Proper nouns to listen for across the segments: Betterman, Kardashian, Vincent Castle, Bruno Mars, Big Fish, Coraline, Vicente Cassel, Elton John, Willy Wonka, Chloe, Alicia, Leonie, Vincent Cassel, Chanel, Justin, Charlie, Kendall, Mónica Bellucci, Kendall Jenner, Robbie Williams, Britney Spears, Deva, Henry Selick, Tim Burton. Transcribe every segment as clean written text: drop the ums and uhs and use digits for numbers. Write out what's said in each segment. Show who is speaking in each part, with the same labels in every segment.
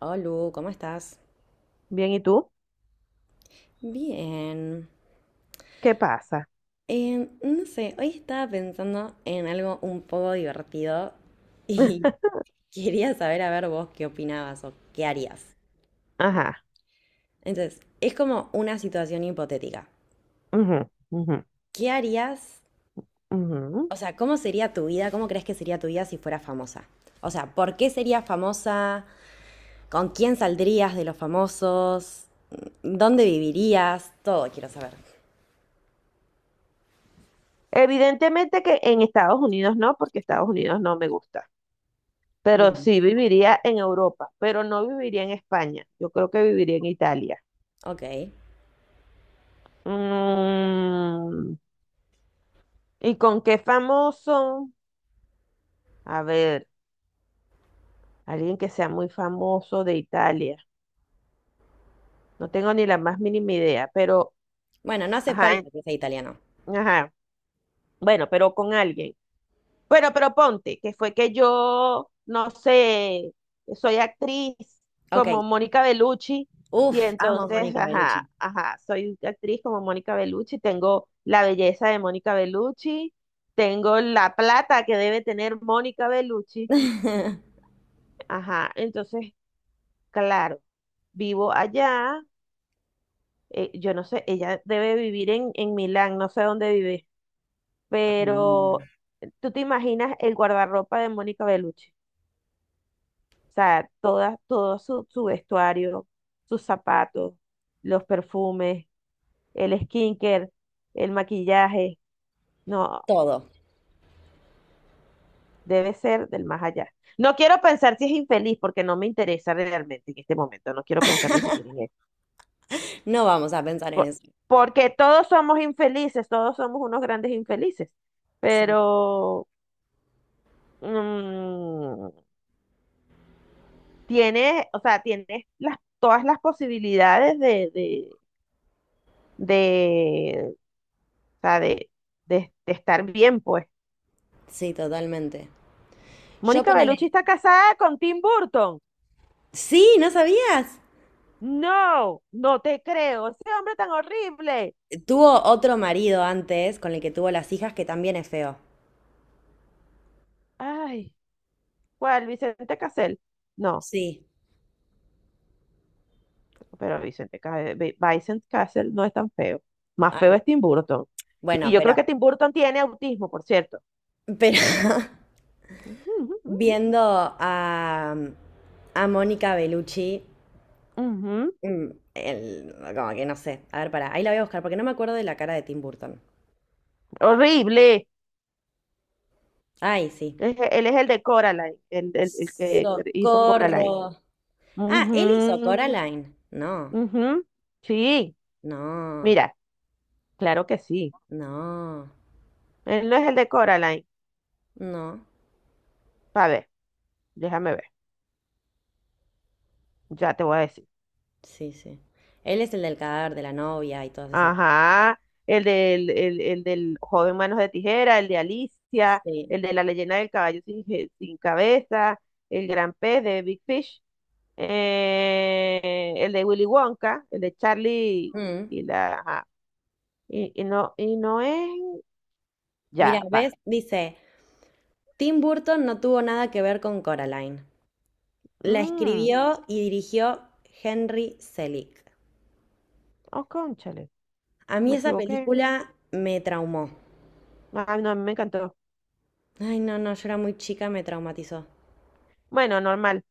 Speaker 1: Olu, ¿cómo estás?
Speaker 2: Bien, ¿y tú?
Speaker 1: Bien.
Speaker 2: ¿Qué pasa?
Speaker 1: No sé, hoy estaba pensando en algo un poco divertido y quería saber, a ver, vos qué opinabas o qué harías.
Speaker 2: Ajá.
Speaker 1: Entonces, es como una situación hipotética.
Speaker 2: Ujú, ujú,
Speaker 1: ¿Qué harías?
Speaker 2: ujú.
Speaker 1: O sea, ¿cómo sería tu vida? ¿Cómo crees que sería tu vida si fueras famosa? O sea, ¿por qué serías famosa? ¿Con quién saldrías de los famosos? ¿Dónde vivirías? Todo quiero saber.
Speaker 2: Evidentemente que en Estados Unidos no, porque Estados Unidos no me gusta. Pero
Speaker 1: Bien.
Speaker 2: sí viviría en Europa, pero no viviría en España. Yo creo que viviría en Italia.
Speaker 1: Ok.
Speaker 2: Mm, ¿Y con qué famoso? A ver, alguien que sea muy famoso de Italia. No tengo ni la más mínima idea, pero,
Speaker 1: Bueno, no hace
Speaker 2: ajá,
Speaker 1: falta que sea italiano.
Speaker 2: ajá. Bueno, pero con alguien. Bueno, pero ponte, que fue que yo, no sé, soy actriz
Speaker 1: Ok.
Speaker 2: como Mónica Bellucci. Y
Speaker 1: Uf, amo a
Speaker 2: entonces,
Speaker 1: Mónica Bellucci.
Speaker 2: ajá, ajá, soy actriz como Mónica Bellucci, tengo la belleza de Mónica Bellucci, tengo la plata que debe tener Mónica Bellucci. Ajá, entonces, claro, vivo allá. Yo no sé, ella debe vivir en Milán, no sé dónde vive, pero tú te imaginas el guardarropa de Mónica Bellucci. O sea, toda, todo su vestuario, sus zapatos, los perfumes, el skincare, el maquillaje. No,
Speaker 1: Todo.
Speaker 2: debe ser del más allá. No quiero pensar si es infeliz porque no me interesa realmente en este momento. No quiero pensar ni siquiera en eso.
Speaker 1: No vamos a pensar en
Speaker 2: Por-
Speaker 1: eso.
Speaker 2: Porque todos somos infelices, todos somos unos grandes infelices.
Speaker 1: Sí,
Speaker 2: Pero mm, tienes, o sea, tienes todas las posibilidades de o sea, de estar bien, pues.
Speaker 1: sí, totalmente. Yo
Speaker 2: Mónica Bellucci
Speaker 1: ponele.
Speaker 2: está casada con Tim Burton.
Speaker 1: Sí, ¿no sabías?
Speaker 2: No, no te creo. Ese hombre tan horrible.
Speaker 1: Tuvo otro marido antes con el que tuvo las hijas que también es feo.
Speaker 2: Ay, ¿cuál? Vicente Cassel. No,
Speaker 1: Sí.
Speaker 2: pero Vincent Castle no es tan feo. Más feo
Speaker 1: Ay,
Speaker 2: es Tim Burton. Y
Speaker 1: bueno,
Speaker 2: yo creo que Tim Burton tiene autismo, por cierto.
Speaker 1: pero viendo a, a Mónica Bellucci,
Speaker 2: Ujú.
Speaker 1: mm, como que no sé. A ver, pará, ahí la voy a buscar porque no me acuerdo de la cara de Tim Burton.
Speaker 2: Horrible.
Speaker 1: Ay, sí.
Speaker 2: Él es el de Coraline, el que hizo
Speaker 1: Socorro.
Speaker 2: Coraline.
Speaker 1: Ah, él hizo sí,
Speaker 2: Ujú,
Speaker 1: Coraline. No,
Speaker 2: ujú. Sí,
Speaker 1: no,
Speaker 2: mira, claro que sí.
Speaker 1: no,
Speaker 2: Él no es el de Coraline.
Speaker 1: no.
Speaker 2: A ver, déjame ver. Ya te voy a decir.
Speaker 1: Sí, sí. Él es el del cadáver de la novia y todas esas.
Speaker 2: Ajá. El del joven manos de tijera, el de Alicia,
Speaker 1: Sí.
Speaker 2: el de la leyenda del caballo sin cabeza, el gran pez de Big Fish, el de Willy Wonka, el de Charlie
Speaker 1: Mm.
Speaker 2: y la... ajá. Y no, y no es...
Speaker 1: Mira,
Speaker 2: Ya,
Speaker 1: ¿ves?
Speaker 2: va.
Speaker 1: Dice, Tim Burton no tuvo nada que ver con Coraline. La
Speaker 2: Mm,
Speaker 1: escribió y dirigió Henry Selick.
Speaker 2: oh, cónchale.
Speaker 1: A mí
Speaker 2: Me
Speaker 1: esa
Speaker 2: equivoqué.
Speaker 1: película me traumó.
Speaker 2: Ah, no, a mí me encantó.
Speaker 1: Ay, no, no, yo era muy chica, me traumatizó.
Speaker 2: Bueno, normal.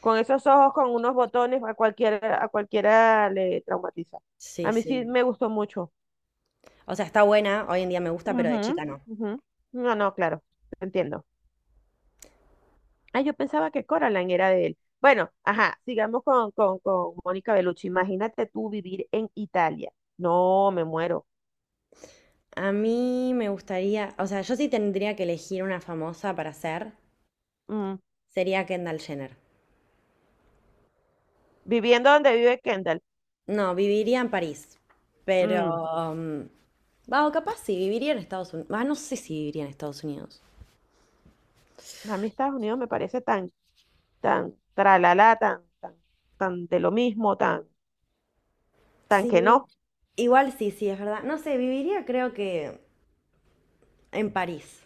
Speaker 2: Con esos ojos, con unos botones, a cualquiera le traumatiza.
Speaker 1: Sí,
Speaker 2: A mí sí
Speaker 1: sí.
Speaker 2: me gustó mucho.
Speaker 1: O sea, está buena, hoy en día me gusta, pero de
Speaker 2: Ujú,
Speaker 1: chica no.
Speaker 2: ujú. No, no, claro, entiendo. Ah, yo pensaba que Coraline era de él. Bueno, ajá, sigamos con Mónica Bellucci. Imagínate tú vivir en Italia. No, me muero.
Speaker 1: A mí me gustaría, o sea, yo sí tendría que elegir una famosa para ser,
Speaker 2: Mm.
Speaker 1: sería Kendall Jenner.
Speaker 2: Viviendo donde vive Kendall.
Speaker 1: No, viviría en París,
Speaker 2: Mm.
Speaker 1: pero... mm, va, o capaz sí, viviría en Estados Unidos. Ah, no sé si viviría en Estados Unidos.
Speaker 2: A mí Estados Unidos me parece tan, tan, tralala, tan, tan, tan de lo mismo, tan, tan que
Speaker 1: Sí.
Speaker 2: no.
Speaker 1: Igual sí, sí, es verdad. No sé, viviría creo que en París.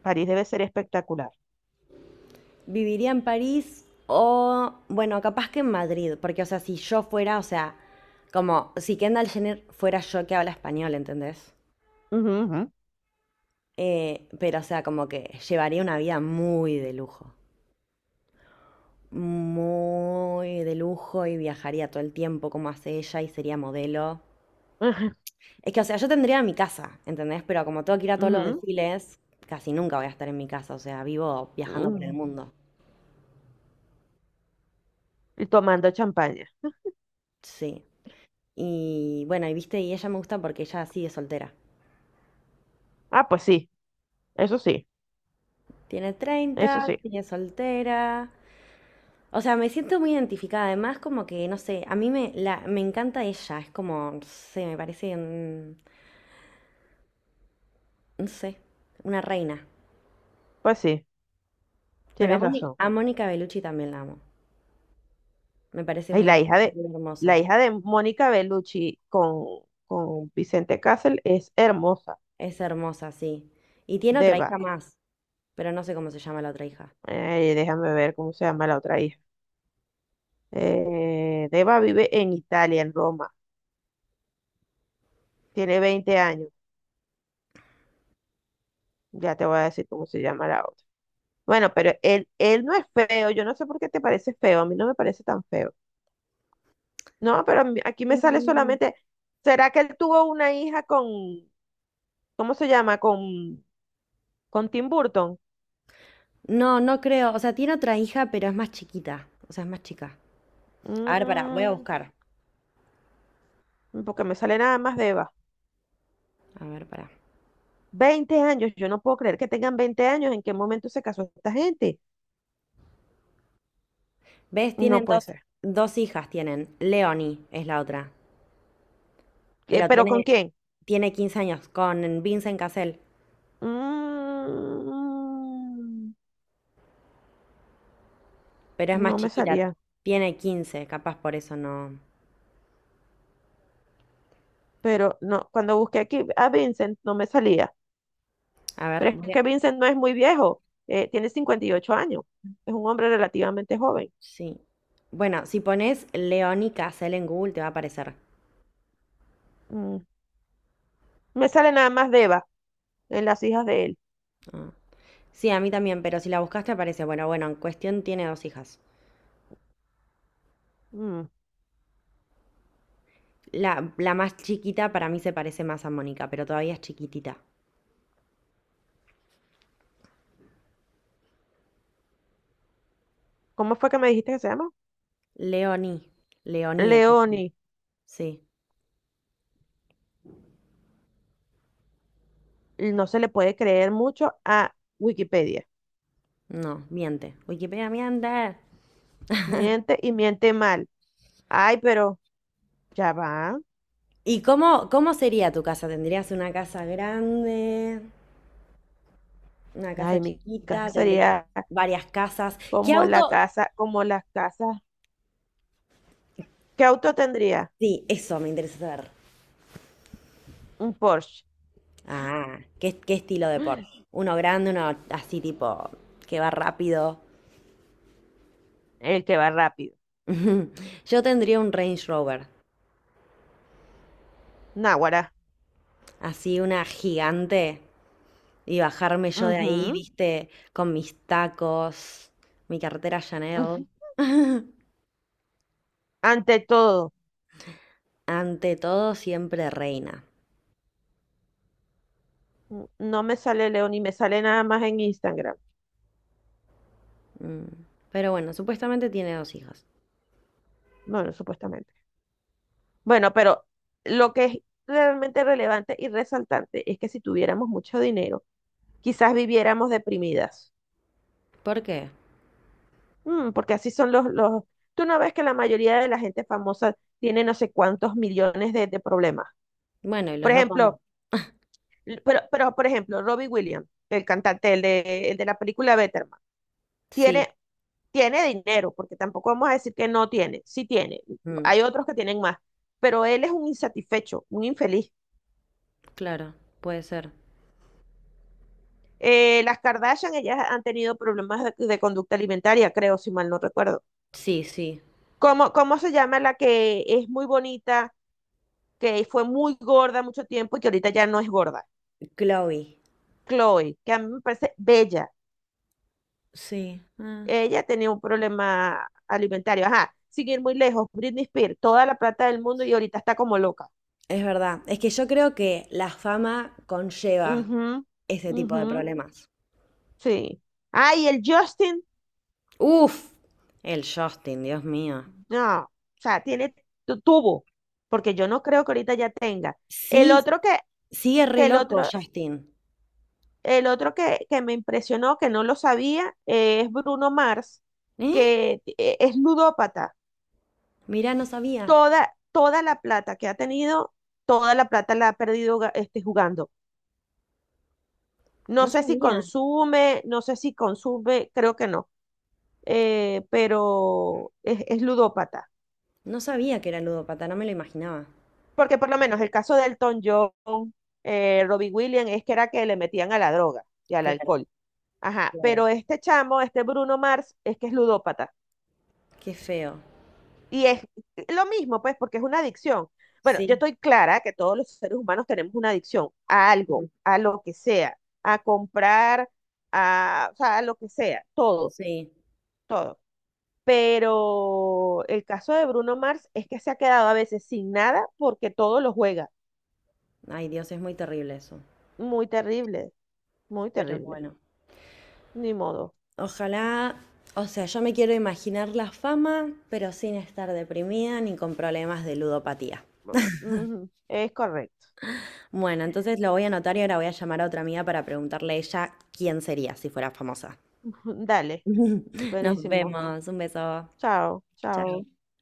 Speaker 2: París debe ser espectacular.
Speaker 1: Viviría en París o, bueno, capaz que en Madrid, porque, o sea, si yo fuera, o sea, como si Kendall Jenner fuera yo que habla español, ¿entendés?
Speaker 2: Ujú, ujú.
Speaker 1: Pero, o sea, como que llevaría una vida muy de lujo y viajaría todo el tiempo como hace ella y sería modelo. Es que, o sea, yo tendría mi casa, ¿entendés? Pero como tengo que ir a todos los
Speaker 2: Ujú,
Speaker 1: desfiles, casi nunca voy a estar en mi casa, o sea, vivo viajando por el
Speaker 2: ujú.
Speaker 1: mundo.
Speaker 2: Y tomando champaña.
Speaker 1: Sí. Y bueno, y viste, y ella me gusta porque ella sigue soltera.
Speaker 2: Ah, pues sí, eso sí,
Speaker 1: Tiene
Speaker 2: eso
Speaker 1: 30,
Speaker 2: sí,
Speaker 1: sigue soltera. O sea, me siento muy identificada. Además, como que, no sé, a mí me, la, me encanta ella. Es como, no sé, me parece no sé, una reina.
Speaker 2: pues sí,
Speaker 1: Pero
Speaker 2: tienes razón.
Speaker 1: A Mónica Bellucci también la amo. Me parece
Speaker 2: Y
Speaker 1: una
Speaker 2: la hija
Speaker 1: mujer
Speaker 2: de,
Speaker 1: muy
Speaker 2: la
Speaker 1: hermosa.
Speaker 2: hija de Mónica Bellucci con Vicente Castle es hermosa,
Speaker 1: Es hermosa, sí. Y tiene otra hija
Speaker 2: Deva.
Speaker 1: más, pero no sé cómo se llama la otra hija.
Speaker 2: Déjame ver cómo se llama la otra hija. Deva vive en Italia, en Roma. Tiene 20 años. Ya te voy a decir cómo se llama la otra. Bueno, pero él no es feo. Yo no sé por qué te parece feo. A mí no me parece tan feo. No, pero aquí me sale solamente, ¿será que él tuvo una hija con, ¿cómo se llama? Con Tim Burton.
Speaker 1: No, no creo. O sea, tiene otra hija, pero es más chiquita. O sea, es más chica. A ver, pará, voy a
Speaker 2: Mm,
Speaker 1: buscar.
Speaker 2: Porque me sale nada más de Eva.
Speaker 1: A ver, pará.
Speaker 2: 20 años, yo no puedo creer que tengan 20 años. ¿En qué momento se casó esta gente?
Speaker 1: ¿Ves? Tienen
Speaker 2: No puede
Speaker 1: dos,
Speaker 2: ser.
Speaker 1: dos hijas, tienen. Leonie es la otra. Pero
Speaker 2: ¿Pero con
Speaker 1: tiene,
Speaker 2: quién?
Speaker 1: tiene 15 años con Vincent Cassel,
Speaker 2: Mm,
Speaker 1: pero es más
Speaker 2: no me
Speaker 1: chiquita.
Speaker 2: salía.
Speaker 1: Tiene quince, capaz por eso no.
Speaker 2: Pero no, cuando busqué aquí a Vincent no me salía.
Speaker 1: A ver,
Speaker 2: Pero es
Speaker 1: voy a...
Speaker 2: que Vincent no es muy viejo, tiene 58 años. Es un hombre relativamente joven.
Speaker 1: Sí. Bueno, si pones Leoni Casel en Google te va a aparecer.
Speaker 2: Mm. Me sale nada más Deva en las hijas de él.
Speaker 1: Ah. Sí, a mí también, pero si la buscas te aparece. Bueno, bueno, en cuestión tiene dos hijas.
Speaker 2: Mm,
Speaker 1: La más chiquita para mí se parece más a Mónica, pero todavía es chiquitita.
Speaker 2: ¿Cómo fue que me dijiste que se llama?
Speaker 1: Leonie. Leonie
Speaker 2: Leoni.
Speaker 1: Sí.
Speaker 2: No se le puede creer mucho a Wikipedia.
Speaker 1: No, miente. Wikipedia miente.
Speaker 2: Miente y miente mal. Ay, pero ya va.
Speaker 1: ¿Y cómo, cómo sería tu casa? ¿Tendrías una casa grande? ¿Una casa
Speaker 2: Ay, mi casa
Speaker 1: chiquita? ¿Tendrías
Speaker 2: sería
Speaker 1: varias casas? ¿Qué
Speaker 2: como la
Speaker 1: auto?
Speaker 2: casa, como las casas. ¿Qué auto tendría?
Speaker 1: Sí, eso me interesa saber.
Speaker 2: Un Porsche.
Speaker 1: Ah, ¿qué, qué estilo de Porsche? Uno grande, uno así tipo que va rápido.
Speaker 2: El que va rápido.
Speaker 1: Yo tendría un Range Rover,
Speaker 2: Náguara.
Speaker 1: así una gigante, y bajarme yo de ahí,
Speaker 2: Ujú,
Speaker 1: viste, con mis tacos, mi cartera Chanel.
Speaker 2: ujú. Ante todo,
Speaker 1: Ante todo, siempre reina.
Speaker 2: no me sale Leoni, me sale nada más en Instagram.
Speaker 1: Mm. Pero bueno, supuestamente tiene dos hijas.
Speaker 2: Bueno, supuestamente. Bueno, pero lo que es realmente relevante y resaltante es que si tuviéramos mucho dinero, quizás viviéramos deprimidas.
Speaker 1: ¿Por qué?
Speaker 2: Porque así son los. Tú no ves que la mayoría de la gente famosa tiene no sé cuántos millones de problemas.
Speaker 1: Bueno, y
Speaker 2: Por
Speaker 1: los no pon-
Speaker 2: ejemplo, pero, por ejemplo, Robbie Williams, el cantante, el de la película Betterman,
Speaker 1: Sí,
Speaker 2: tiene, tiene dinero, porque tampoco vamos a decir que no tiene, sí tiene.
Speaker 1: mm,
Speaker 2: Hay otros que tienen más, pero él es un insatisfecho, un infeliz.
Speaker 1: claro, puede ser.
Speaker 2: Las Kardashian, ellas han tenido problemas de conducta alimentaria, creo, si mal no recuerdo.
Speaker 1: Sí, sí.
Speaker 2: ¿Cómo se llama la que es muy bonita, que fue muy gorda mucho tiempo y que ahorita ya no es gorda?
Speaker 1: Chloe.
Speaker 2: Chloe, que a mí me parece bella.
Speaker 1: Sí. Ah.
Speaker 2: Ella tenía un problema alimentario. Ajá, sin ir muy lejos, Britney Spears, toda la plata del mundo y ahorita está como loca.
Speaker 1: Es verdad. Es que yo creo que la fama conlleva
Speaker 2: Ujú,
Speaker 1: ese tipo de
Speaker 2: ujú,
Speaker 1: problemas.
Speaker 2: sí. Ah, y el Justin.
Speaker 1: Uf, el Justin, Dios mío.
Speaker 2: No, o sea, tiene tuvo, porque yo no creo que ahorita ya tenga. El
Speaker 1: Sí,
Speaker 2: otro
Speaker 1: sigue re
Speaker 2: que
Speaker 1: loco Justin.
Speaker 2: el otro que me impresionó, que no lo sabía, es Bruno Mars,
Speaker 1: ¿Eh?
Speaker 2: que es ludópata.
Speaker 1: Mirá, no sabía.
Speaker 2: Toda la plata que ha tenido, toda la plata la ha perdido jugando. No
Speaker 1: No
Speaker 2: sé si
Speaker 1: sabía.
Speaker 2: consume, no sé si consume, creo que no, pero es ludópata.
Speaker 1: No sabía que era ludópata, no me lo imaginaba.
Speaker 2: Porque por lo menos el caso de Elton John, Robbie Williams, es que era que le metían a la droga y al
Speaker 1: Claro,
Speaker 2: alcohol. Ajá,
Speaker 1: claro.
Speaker 2: pero este chamo, este Bruno Mars, es que es ludópata.
Speaker 1: Qué feo.
Speaker 2: Y es lo mismo, pues, porque es una adicción. Bueno, yo
Speaker 1: Sí,
Speaker 2: estoy clara que todos los seres humanos tenemos una adicción a algo,
Speaker 1: mm,
Speaker 2: a lo que sea, a comprar, o sea, a lo que sea, todo,
Speaker 1: sí.
Speaker 2: todo. Pero el caso de Bruno Mars es que se ha quedado a veces sin nada porque todo lo juega.
Speaker 1: Ay, Dios, es muy terrible eso.
Speaker 2: Muy terrible, muy
Speaker 1: Pero
Speaker 2: terrible.
Speaker 1: bueno.
Speaker 2: Ni modo.
Speaker 1: Ojalá, o sea, yo me quiero imaginar la fama, pero sin estar deprimida ni con problemas de ludopatía.
Speaker 2: Bueno, ujú, es correcto.
Speaker 1: Bueno, entonces lo voy a anotar y ahora voy a llamar a otra amiga para preguntarle a ella quién sería si fuera famosa.
Speaker 2: Dale.
Speaker 1: Nos
Speaker 2: Buenísimo.
Speaker 1: vemos. Un beso.
Speaker 2: Chao, chao.
Speaker 1: Chao.